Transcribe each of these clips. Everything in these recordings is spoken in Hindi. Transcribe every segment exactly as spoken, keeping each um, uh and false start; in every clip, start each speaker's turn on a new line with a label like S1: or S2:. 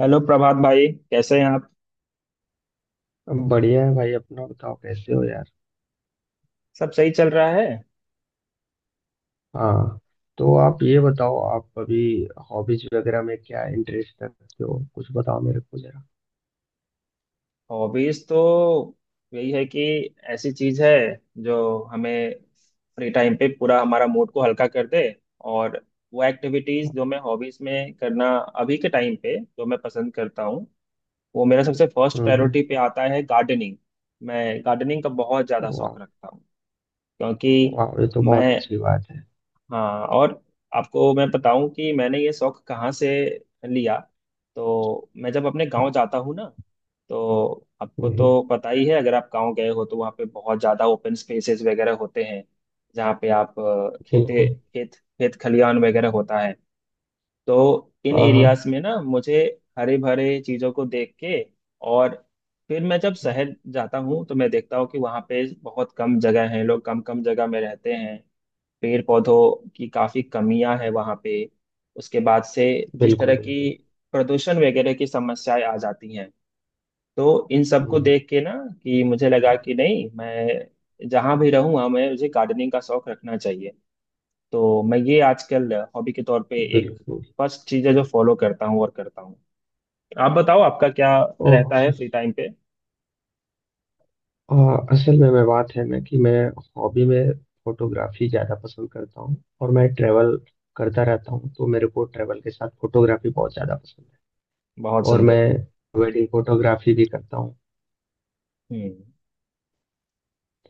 S1: हेलो प्रभात भाई, कैसे हैं आप।
S2: बढ़िया है भाई। अपना बताओ, कैसे हो यार?
S1: सब सही चल रहा है।
S2: हाँ, तो आप ये बताओ, आप अभी हॉबीज वगैरह में क्या इंटरेस्ट रखते हो? कुछ बताओ मेरे को जरा।
S1: हॉबीज तो यही है कि ऐसी चीज है जो हमें फ्री टाइम पे पूरा हमारा मूड को हल्का कर दे। और वो
S2: हाँ,
S1: एक्टिविटीज जो मैं हॉबीज में करना अभी के टाइम पे जो मैं पसंद करता हूँ, वो मेरा सबसे फर्स्ट
S2: हम्म।
S1: प्रायोरिटी पे आता है गार्डनिंग। मैं गार्डनिंग का बहुत ज्यादा
S2: वाह!
S1: शौक रखता हूँ। क्योंकि
S2: वाह, ये तो बहुत
S1: मैं,
S2: अच्छी बात है।
S1: हाँ, और आपको मैं बताऊं कि मैंने ये शौक कहाँ से लिया। तो मैं जब अपने गांव
S2: हाँ।
S1: जाता हूँ ना, तो आपको
S2: हम्म।
S1: तो पता ही है, अगर आप गांव गए हो तो वहाँ पे बहुत ज़्यादा ओपन स्पेसेस वगैरह होते हैं, जहाँ पे आप अ, खेते
S2: बिल्कुल।
S1: खेत खेत खलियान वगैरह होता है। तो इन
S2: हाँ
S1: एरियाज
S2: हाँ।
S1: में ना मुझे हरे भरे चीज़ों को देख के, और फिर मैं जब शहर जाता हूँ तो मैं देखता हूँ कि वहाँ पे बहुत कम जगह है, लोग कम कम जगह में रहते हैं। पेड़ पौधों की काफी कमियां है वहां पे। उसके बाद से जिस
S2: बिल्कुल
S1: तरह की
S2: बिल्कुल।
S1: प्रदूषण वगैरह की समस्याएं आ जाती हैं, तो इन सबको
S2: हम्म,
S1: देख के ना कि मुझे लगा कि नहीं, मैं जहां भी रहूंगा, मैं मुझे गार्डनिंग का शौक रखना चाहिए। तो मैं ये आजकल हॉबी के तौर पे एक
S2: बिल्कुल।
S1: फर्स्ट चीज है जो फॉलो करता हूँ और करता हूँ। आप बताओ आपका क्या रहता है
S2: ओके।
S1: फ्री टाइम पे।
S2: आ, असल में मैं बात है ना कि मैं हॉबी में फोटोग्राफी ज़्यादा पसंद करता हूँ। और मैं ट्रैवल करता रहता हूँ, तो मेरे को ट्रैवल के साथ फोटोग्राफी बहुत ज़्यादा पसंद है।
S1: बहुत
S2: और मैं
S1: सुंदर।
S2: वेडिंग फोटोग्राफी भी करता हूँ।
S1: हम्म।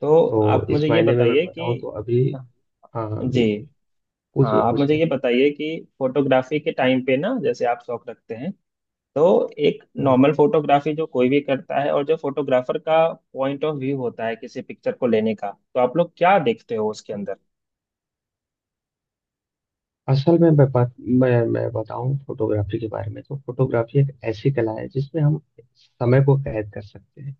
S1: तो आप
S2: तो इस
S1: मुझे ये
S2: मायने में मैं
S1: बताइए कि,
S2: बताऊँ तो अभी।
S1: हाँ,
S2: हाँ हाँ
S1: जी।
S2: बिल्कुल।
S1: हाँ
S2: पूछिए
S1: आप मुझे
S2: पूछिए।
S1: ये बताइए कि फोटोग्राफी के टाइम पे ना जैसे आप शौक रखते हैं, तो एक
S2: हम्म।
S1: नॉर्मल फोटोग्राफी जो कोई भी करता है, और जो फोटोग्राफर का पॉइंट ऑफ व्यू होता है किसी पिक्चर को लेने का, तो आप लोग क्या देखते हो उसके अंदर।
S2: असल में मैं बात मैं मैं बताऊं फोटोग्राफी के बारे में। तो फोटोग्राफी एक ऐसी कला है जिसमें हम समय को कैद कर सकते हैं।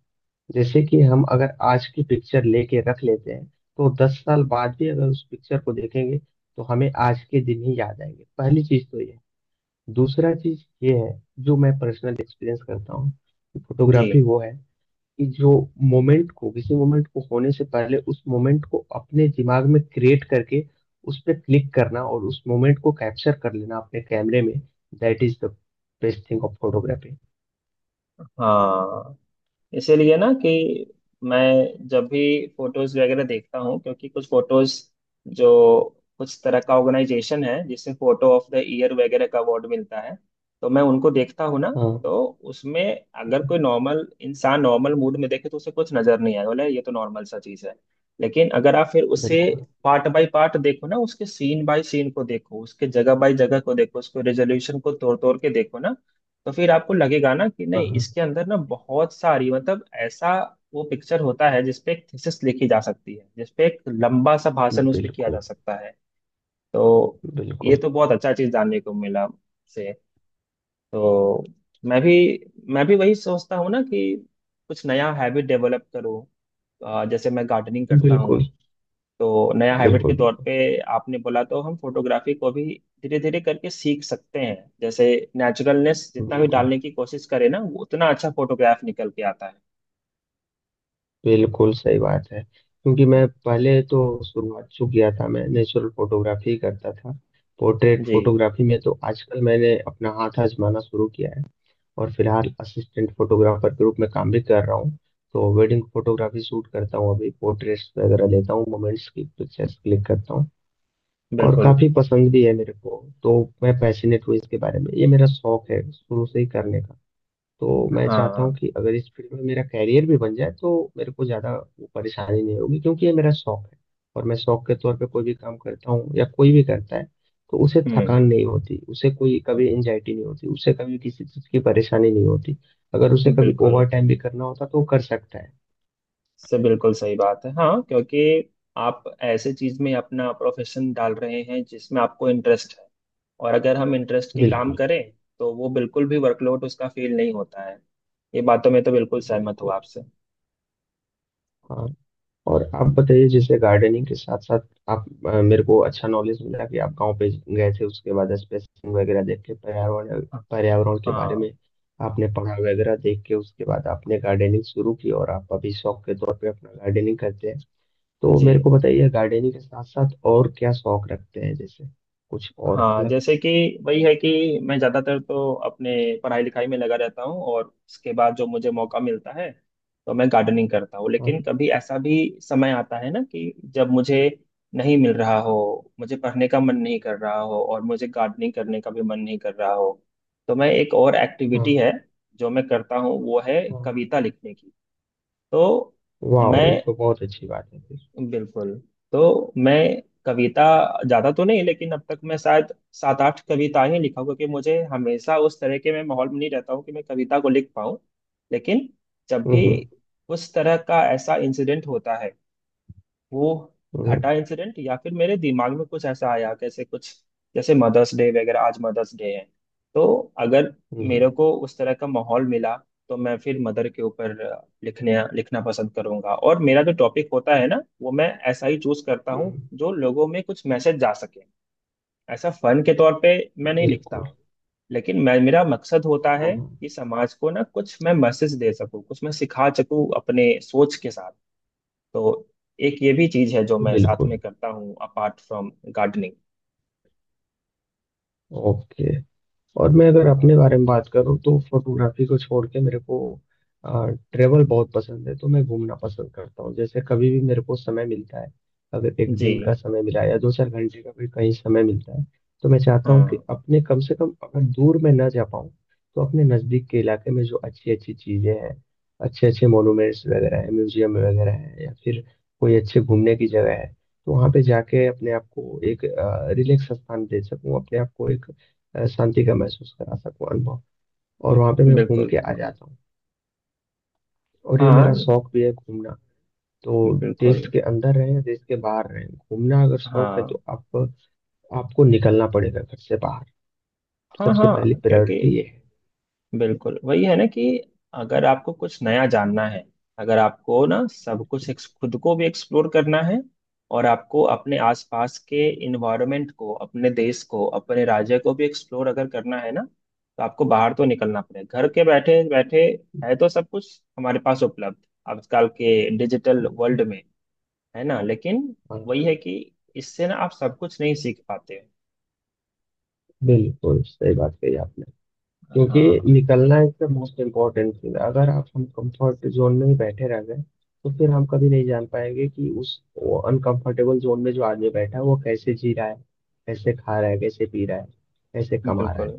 S2: जैसे कि हम अगर आज की पिक्चर लेके रख लेते हैं, तो दस साल बाद भी अगर उस पिक्चर को देखेंगे तो हमें आज के दिन ही याद आएंगे। पहली चीज तो ये। दूसरा चीज ये है, जो मैं पर्सनल एक्सपीरियंस करता हूँ,
S1: जी।
S2: फोटोग्राफी वो है कि जो मोमेंट को, किसी मोमेंट को होने से पहले उस मोमेंट को अपने दिमाग में क्रिएट करके उस पर क्लिक करना, और उस मोमेंट को कैप्चर कर लेना अपने कैमरे में। That is the best thing of photography.
S1: हाँ इसीलिए ना कि मैं जब भी फोटोज वगैरह देखता हूँ, क्योंकि कुछ फोटोज जो कुछ तरह का ऑर्गेनाइजेशन है जिसे फोटो ऑफ द ईयर वगैरह का अवार्ड मिलता है, तो मैं उनको देखता हूँ ना,
S2: हाँ
S1: तो उसमें अगर
S2: हाँ,
S1: कोई नॉर्मल इंसान नॉर्मल मूड में देखे तो उसे कुछ नजर नहीं आएगा, बोले ये तो नॉर्मल सा चीज है। लेकिन अगर आप फिर उसे
S2: बिल्कुल।
S1: पार्ट बाय पार्ट देखो ना, उसके सीन बाय सीन को देखो, उसके जगह बाय जगह को देखो, उसके रेजोल्यूशन को तोड़ तोड़ के देखो ना, तो फिर आपको लगेगा ना कि
S2: हाँ
S1: नहीं,
S2: हाँ,
S1: इसके अंदर ना बहुत सारी, मतलब ऐसा वो पिक्चर होता है जिसपे एक थीसिस लिखी जा सकती है, जिसपे एक लंबा सा भाषण उस पे किया जा
S2: बिल्कुल
S1: सकता है। तो ये
S2: बिल्कुल
S1: तो बहुत अच्छा चीज जानने को मिला से। तो मैं भी मैं भी वही सोचता हूँ ना कि कुछ नया हैबिट डेवलप करूँ। अ, जैसे मैं गार्डनिंग करता हूँ,
S2: बिल्कुल।
S1: तो नया हैबिट के
S2: बिल्कुल।
S1: तौर
S2: बिल्कुल।
S1: पे आपने बोला तो हम फोटोग्राफी को भी धीरे धीरे करके सीख सकते हैं। जैसे नेचुरलनेस जितना भी
S2: बिल्कुल।
S1: डालने की कोशिश करें ना, वो उतना अच्छा फोटोग्राफ निकल के आता है।
S2: बिल्कुल सही बात है। क्योंकि मैं पहले तो, शुरुआत जो किया था, मैं नेचुरल फोटोग्राफी करता था। पोर्ट्रेट
S1: जी।
S2: फोटोग्राफी में तो आजकल मैंने अपना हाथ आजमाना शुरू किया है। और फिलहाल असिस्टेंट फोटोग्राफर के रूप में काम भी कर रहा हूँ। तो वेडिंग फोटोग्राफी शूट करता हूँ अभी, पोर्ट्रेट्स वगैरह लेता हूँ, मोमेंट्स की पिक्चर्स क्लिक करता हूँ। और
S1: बिल्कुल।
S2: काफी पसंद भी है मेरे को। तो मैं पैशनेट हूँ इसके बारे में, ये मेरा शौक है शुरू से ही करने का। तो मैं चाहता हूँ
S1: हाँ।
S2: कि अगर इस फील्ड में मेरा कैरियर भी बन जाए तो मेरे को ज़्यादा वो परेशानी नहीं होगी, क्योंकि ये मेरा शौक है। और मैं शौक के तौर पे कोई भी काम करता हूँ या कोई भी करता है, तो उसे
S1: हम्म।
S2: थकान नहीं होती, उसे कोई कभी एंजाइटी नहीं होती, उसे कभी किसी चीज़ की परेशानी नहीं होती। अगर उसे कभी
S1: बिल्कुल
S2: ओवर टाइम भी करना होता तो वो कर सकता है।
S1: से बिल्कुल सही बात है, हाँ, क्योंकि आप ऐसे चीज में अपना प्रोफेशन डाल रहे हैं जिसमें आपको इंटरेस्ट है। और अगर हम इंटरेस्ट की काम
S2: बिल्कुल
S1: करें, तो वो बिल्कुल भी वर्कलोड उसका फील नहीं होता है। ये बातों में तो बिल्कुल सहमत हूँ
S2: बिल्कुल।
S1: आपसे।
S2: हाँ। और आप बताइए, जैसे गार्डनिंग के साथ साथ आप, अ, मेरे को अच्छा नॉलेज मिला कि आप गांव पे गए थे, उसके बाद स्पेसिंग वगैरह देख के पर्यावरण, पर्यावरण के बारे
S1: हाँ।
S2: में आपने पढ़ा वगैरह, देख के उसके बाद आपने गार्डनिंग शुरू की, और आप अभी शौक के तौर पे अपना गार्डनिंग करते हैं। तो
S1: जी।
S2: मेरे को बताइए, गार्डनिंग के साथ साथ और क्या शौक रखते हैं, जैसे कुछ और
S1: हाँ
S2: अलग?
S1: जैसे कि, वही है कि मैं ज़्यादातर तो अपने पढ़ाई लिखाई में लगा रहता हूँ, और उसके बाद जो मुझे मौका मिलता है तो मैं गार्डनिंग करता हूँ।
S2: हाँ
S1: लेकिन कभी ऐसा भी समय आता है ना कि जब मुझे नहीं मिल रहा हो, मुझे पढ़ने का मन नहीं कर रहा हो और मुझे गार्डनिंग करने का भी मन नहीं कर रहा हो, तो मैं एक और
S2: हाँ।
S1: एक्टिविटी है जो मैं करता हूँ, वो है
S2: हाँ।
S1: कविता लिखने की। तो
S2: वाह,
S1: मैं,
S2: ये तो बहुत अच्छी बात है फिर।
S1: बिल्कुल, तो मैं कविता ज्यादा तो नहीं, लेकिन अब तक मैं शायद सात आठ कविताएं ही लिखा हूं, क्योंकि मुझे हमेशा उस तरह के मैं माहौल में नहीं रहता हूँ कि मैं कविता को लिख पाऊँ। लेकिन जब
S2: हम्म
S1: भी
S2: हम्म।
S1: उस तरह का ऐसा इंसिडेंट होता है, वो घटा
S2: हम्म।
S1: इंसिडेंट, या फिर मेरे दिमाग में कुछ ऐसा आया कैसे कुछ, जैसे मदर्स डे वगैरह, आज मदर्स डे है, तो अगर
S2: हम्म,
S1: मेरे को उस तरह का माहौल मिला तो मैं फिर मदर के ऊपर लिखने लिखना पसंद करूंगा। और मेरा जो टॉपिक होता है ना, वो मैं ऐसा ही चूज करता हूँ
S2: हम्म,
S1: जो लोगों में कुछ मैसेज जा सके। ऐसा फन के तौर पे मैं नहीं लिखता
S2: बिल्कुल।
S1: हूँ, लेकिन मैं, मेरा मकसद होता है
S2: हाँ।
S1: कि समाज को ना कुछ मैं मैसेज दे सकूं, कुछ मैं सिखा सकूं अपने सोच के साथ। तो एक ये भी चीज है जो मैं साथ
S2: बिल्कुल।
S1: में करता हूँ अपार्ट फ्रॉम गार्डनिंग।
S2: ओके। और मैं अगर
S1: हाँ।
S2: अपने बारे में बात करूँ, तो फोटोग्राफी को छोड़ के मेरे को ट्रेवल बहुत पसंद है। तो मैं घूमना पसंद करता हूँ। जैसे कभी भी मेरे को समय मिलता है, अगर एक
S1: जी।
S2: दिन का समय मिला या दो चार घंटे का भी कहीं समय मिलता है, तो मैं चाहता हूँ कि
S1: हाँ।
S2: अपने कम से कम अगर दूर में ना जा पाऊँ, तो अपने नज़दीक के इलाके में जो अच्छी अच्छी चीज़ें हैं, अच्छे अच्छे मोनूमेंट्स वगैरह हैं, म्यूजियम वगैरह हैं, या फिर कोई अच्छे घूमने की जगह है, तो वहाँ पे जाके अपने आप को एक रिलैक्स स्थान दे सकूँ, अपने आप को एक अ, शांति का महसूस करा सकूं, अनुभव। और वहां पे मैं घूम
S1: बिल्कुल
S2: के आ
S1: बिल्कुल।
S2: जाता हूँ। और ये
S1: हाँ।
S2: मेरा शौक भी है, घूमना। तो
S1: बिल्कुल।
S2: देश के अंदर रहें या देश के बाहर रहें, घूमना अगर शौक है
S1: हाँ
S2: तो आप, आपको निकलना पड़ेगा घर से बाहर।
S1: हाँ
S2: सबसे पहली
S1: हाँ, क्योंकि
S2: प्रायोरिटी ये है।
S1: बिल्कुल वही है ना कि अगर आपको कुछ नया जानना है, अगर आपको ना सब कुछ एक्स- खुद को भी एक्सप्लोर करना है, और आपको अपने आसपास के इन्वायरमेंट को, अपने देश को, अपने राज्य को भी एक्सप्लोर अगर करना है ना, तो आपको बाहर तो निकलना पड़ेगा। घर के बैठे बैठे है तो सब कुछ हमारे पास उपलब्ध, आजकल के डिजिटल
S2: बिल्कुल।
S1: वर्ल्ड में है ना, लेकिन
S2: हाँ,
S1: वही है कि इससे ना आप सब कुछ नहीं सीख पाते।
S2: बिल्कुल सही बात कही आपने। क्योंकि
S1: हाँ।
S2: निकलना इसका मोस्ट इम्पोर्टेंट चीज है। अगर आप, हम कंफर्ट जोन में ही बैठे रह गए, तो फिर हम कभी नहीं जान पाएंगे कि उस, वो अनकंफर्टेबल जोन में जो आदमी बैठा है वो कैसे जी रहा है, कैसे खा रहा है, कैसे पी रहा है, कैसे कमा रहा है।
S1: बिल्कुल।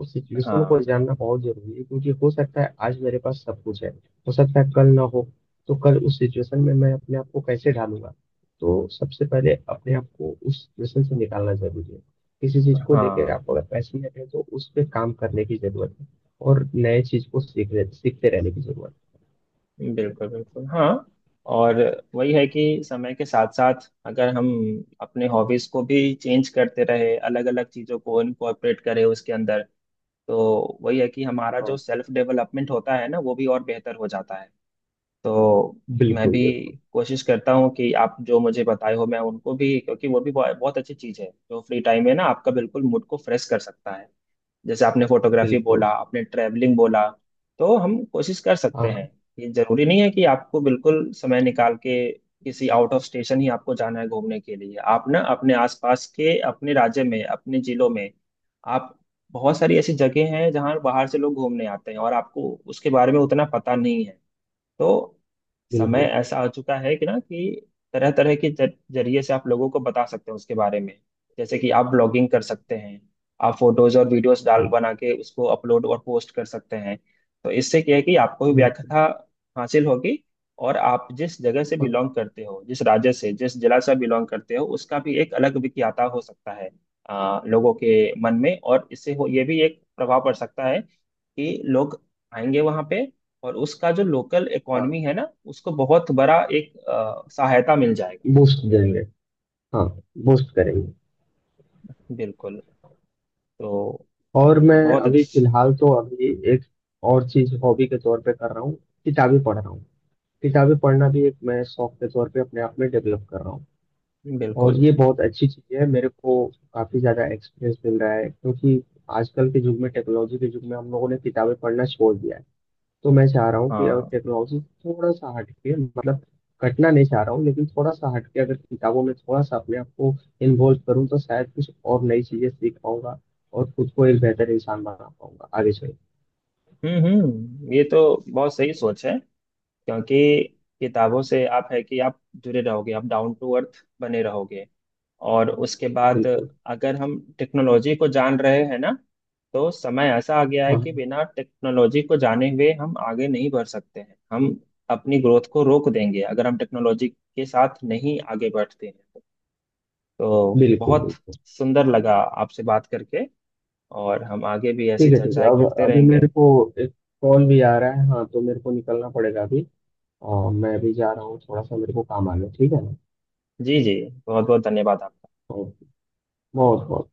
S2: उस सिचुएशन को
S1: हाँ।
S2: जानना बहुत जरूरी है, क्योंकि हो सकता है आज मेरे पास सब कुछ है, हो सकता है कल ना हो। तो कल उस सिचुएशन में मैं अपने आप को कैसे ढालूंगा? तो सबसे पहले अपने आप को उस सिचुएशन से निकालना जरूरी है। किसी चीज को लेकर
S1: हाँ।
S2: आप अगर पैशनेट है, तो उस पे काम करने की जरूरत है। और नए चीज को सीख रहे- सीखते रहने की जरूरत।
S1: बिल्कुल बिल्कुल। हाँ और वही है कि समय के साथ साथ अगर हम अपने हॉबीज को भी चेंज करते रहे, अलग अलग चीजों को इनकॉर्पोरेट करें उसके अंदर, तो वही है कि हमारा
S2: हाँ है
S1: जो
S2: हाँ।
S1: सेल्फ डेवलपमेंट होता है ना, वो भी और बेहतर हो जाता है। तो मैं
S2: बिल्कुल
S1: भी
S2: बिल्कुल।
S1: कोशिश करता हूँ कि आप जो मुझे बताए हो मैं उनको भी, क्योंकि वो भी बहुत बहुत अच्छी चीज है जो फ्री टाइम है ना आपका बिल्कुल मूड को फ्रेश कर सकता है। जैसे आपने फोटोग्राफी बोला,
S2: बिल्कुल।
S1: आपने ट्रैवलिंग बोला, तो हम कोशिश कर सकते हैं।
S2: हाँ।
S1: ये जरूरी नहीं है कि आपको बिल्कुल समय निकाल के किसी आउट ऑफ स्टेशन ही आपको जाना है घूमने के लिए। आप ना अपने आसपास के, अपने राज्य में, अपने जिलों में आप, बहुत सारी ऐसी जगह हैं जहाँ बाहर से लोग घूमने आते हैं और आपको उसके बारे में उतना पता नहीं है। तो समय
S2: बिल्कुल।
S1: ऐसा आ चुका है कि ना कि तरह तरह के जर- जरिए से आप लोगों को बता सकते हो उसके बारे में। जैसे कि आप ब्लॉगिंग कर सकते हैं, आप फोटोज और वीडियोस डाल
S2: हाँ।
S1: बना के उसको अपलोड और पोस्ट कर सकते हैं। तो इससे क्या है कि आपको भी
S2: बिल्कुल।
S1: व्याख्या हासिल होगी। और आप जिस जगह से
S2: हाँ
S1: बिलोंग करते हो, जिस राज्य से जिस जिला से बिलोंग करते हो, उसका भी एक अलग विख्याता हो सकता है आ, लोगों के मन में, और इससे हो ये भी एक प्रभाव पड़ सकता है कि लोग आएंगे वहां पे, और उसका जो लोकल
S2: हाँ।
S1: इकोनॉमी है ना, उसको बहुत बड़ा एक अ, सहायता मिल जाएगा।
S2: बूस्ट देंगे। हाँ। बूस्ट करेंगे।
S1: बिल्कुल। तो
S2: और मैं
S1: बहुत
S2: अभी
S1: अच्छा।
S2: फिलहाल तो अभी एक और चीज हॉबी के तौर पे कर रहा हूँ, किताबें पढ़ रहा हूँ। किताबें पढ़ना भी एक मैं शौक के तौर पे अपने आप में डेवलप कर रहा हूँ। और
S1: बिल्कुल।
S2: ये बहुत अच्छी चीज़ है मेरे को। काफ़ी ज़्यादा एक्सपीरियंस मिल रहा है, क्योंकि आजकल के युग में, टेक्नोलॉजी के युग में, हम लोगों ने किताबें पढ़ना छोड़ दिया है। तो मैं चाह रहा हूँ कि अगर
S1: हाँ।
S2: टेक्नोलॉजी से थोड़ा सा हट के, मतलब कटना नहीं चाह रहा हूँ, लेकिन थोड़ा सा हट के अगर किताबों में थोड़ा सा अपने आप को इन्वॉल्व करूँ, तो शायद कुछ और नई चीज़ें सीख पाऊंगा, और खुद को एक बेहतर इंसान बना पाऊंगा आगे चल के।
S1: हम्म हम्म, ये तो बहुत सही सोच है। क्योंकि किताबों से आप है कि आप जुड़े रहोगे, आप डाउन टू अर्थ बने रहोगे। और उसके बाद
S2: बिल्कुल।
S1: अगर हम टेक्नोलॉजी को जान रहे हैं ना, तो समय ऐसा आ गया है कि
S2: हाँ।
S1: बिना टेक्नोलॉजी को जाने हुए हम आगे नहीं बढ़ सकते हैं। हम अपनी ग्रोथ को रोक देंगे अगर हम टेक्नोलॉजी के साथ नहीं आगे बढ़ते हैं। तो
S2: बिल्कुल
S1: बहुत
S2: बिल्कुल।
S1: सुंदर लगा आपसे बात करके, और हम आगे भी ऐसी
S2: ठीक है ठीक है।
S1: चर्चाएं
S2: अब
S1: करते
S2: अभी
S1: रहेंगे।
S2: मेरे को एक कॉल भी आ रहा है, हाँ, तो मेरे को निकलना पड़ेगा अभी। और मैं अभी जा रहा हूँ, थोड़ा सा मेरे को काम आ गया, ठीक है ना?
S1: जी जी, बहुत बहुत धन्यवाद आपका।
S2: ओके। बहुत बहुत।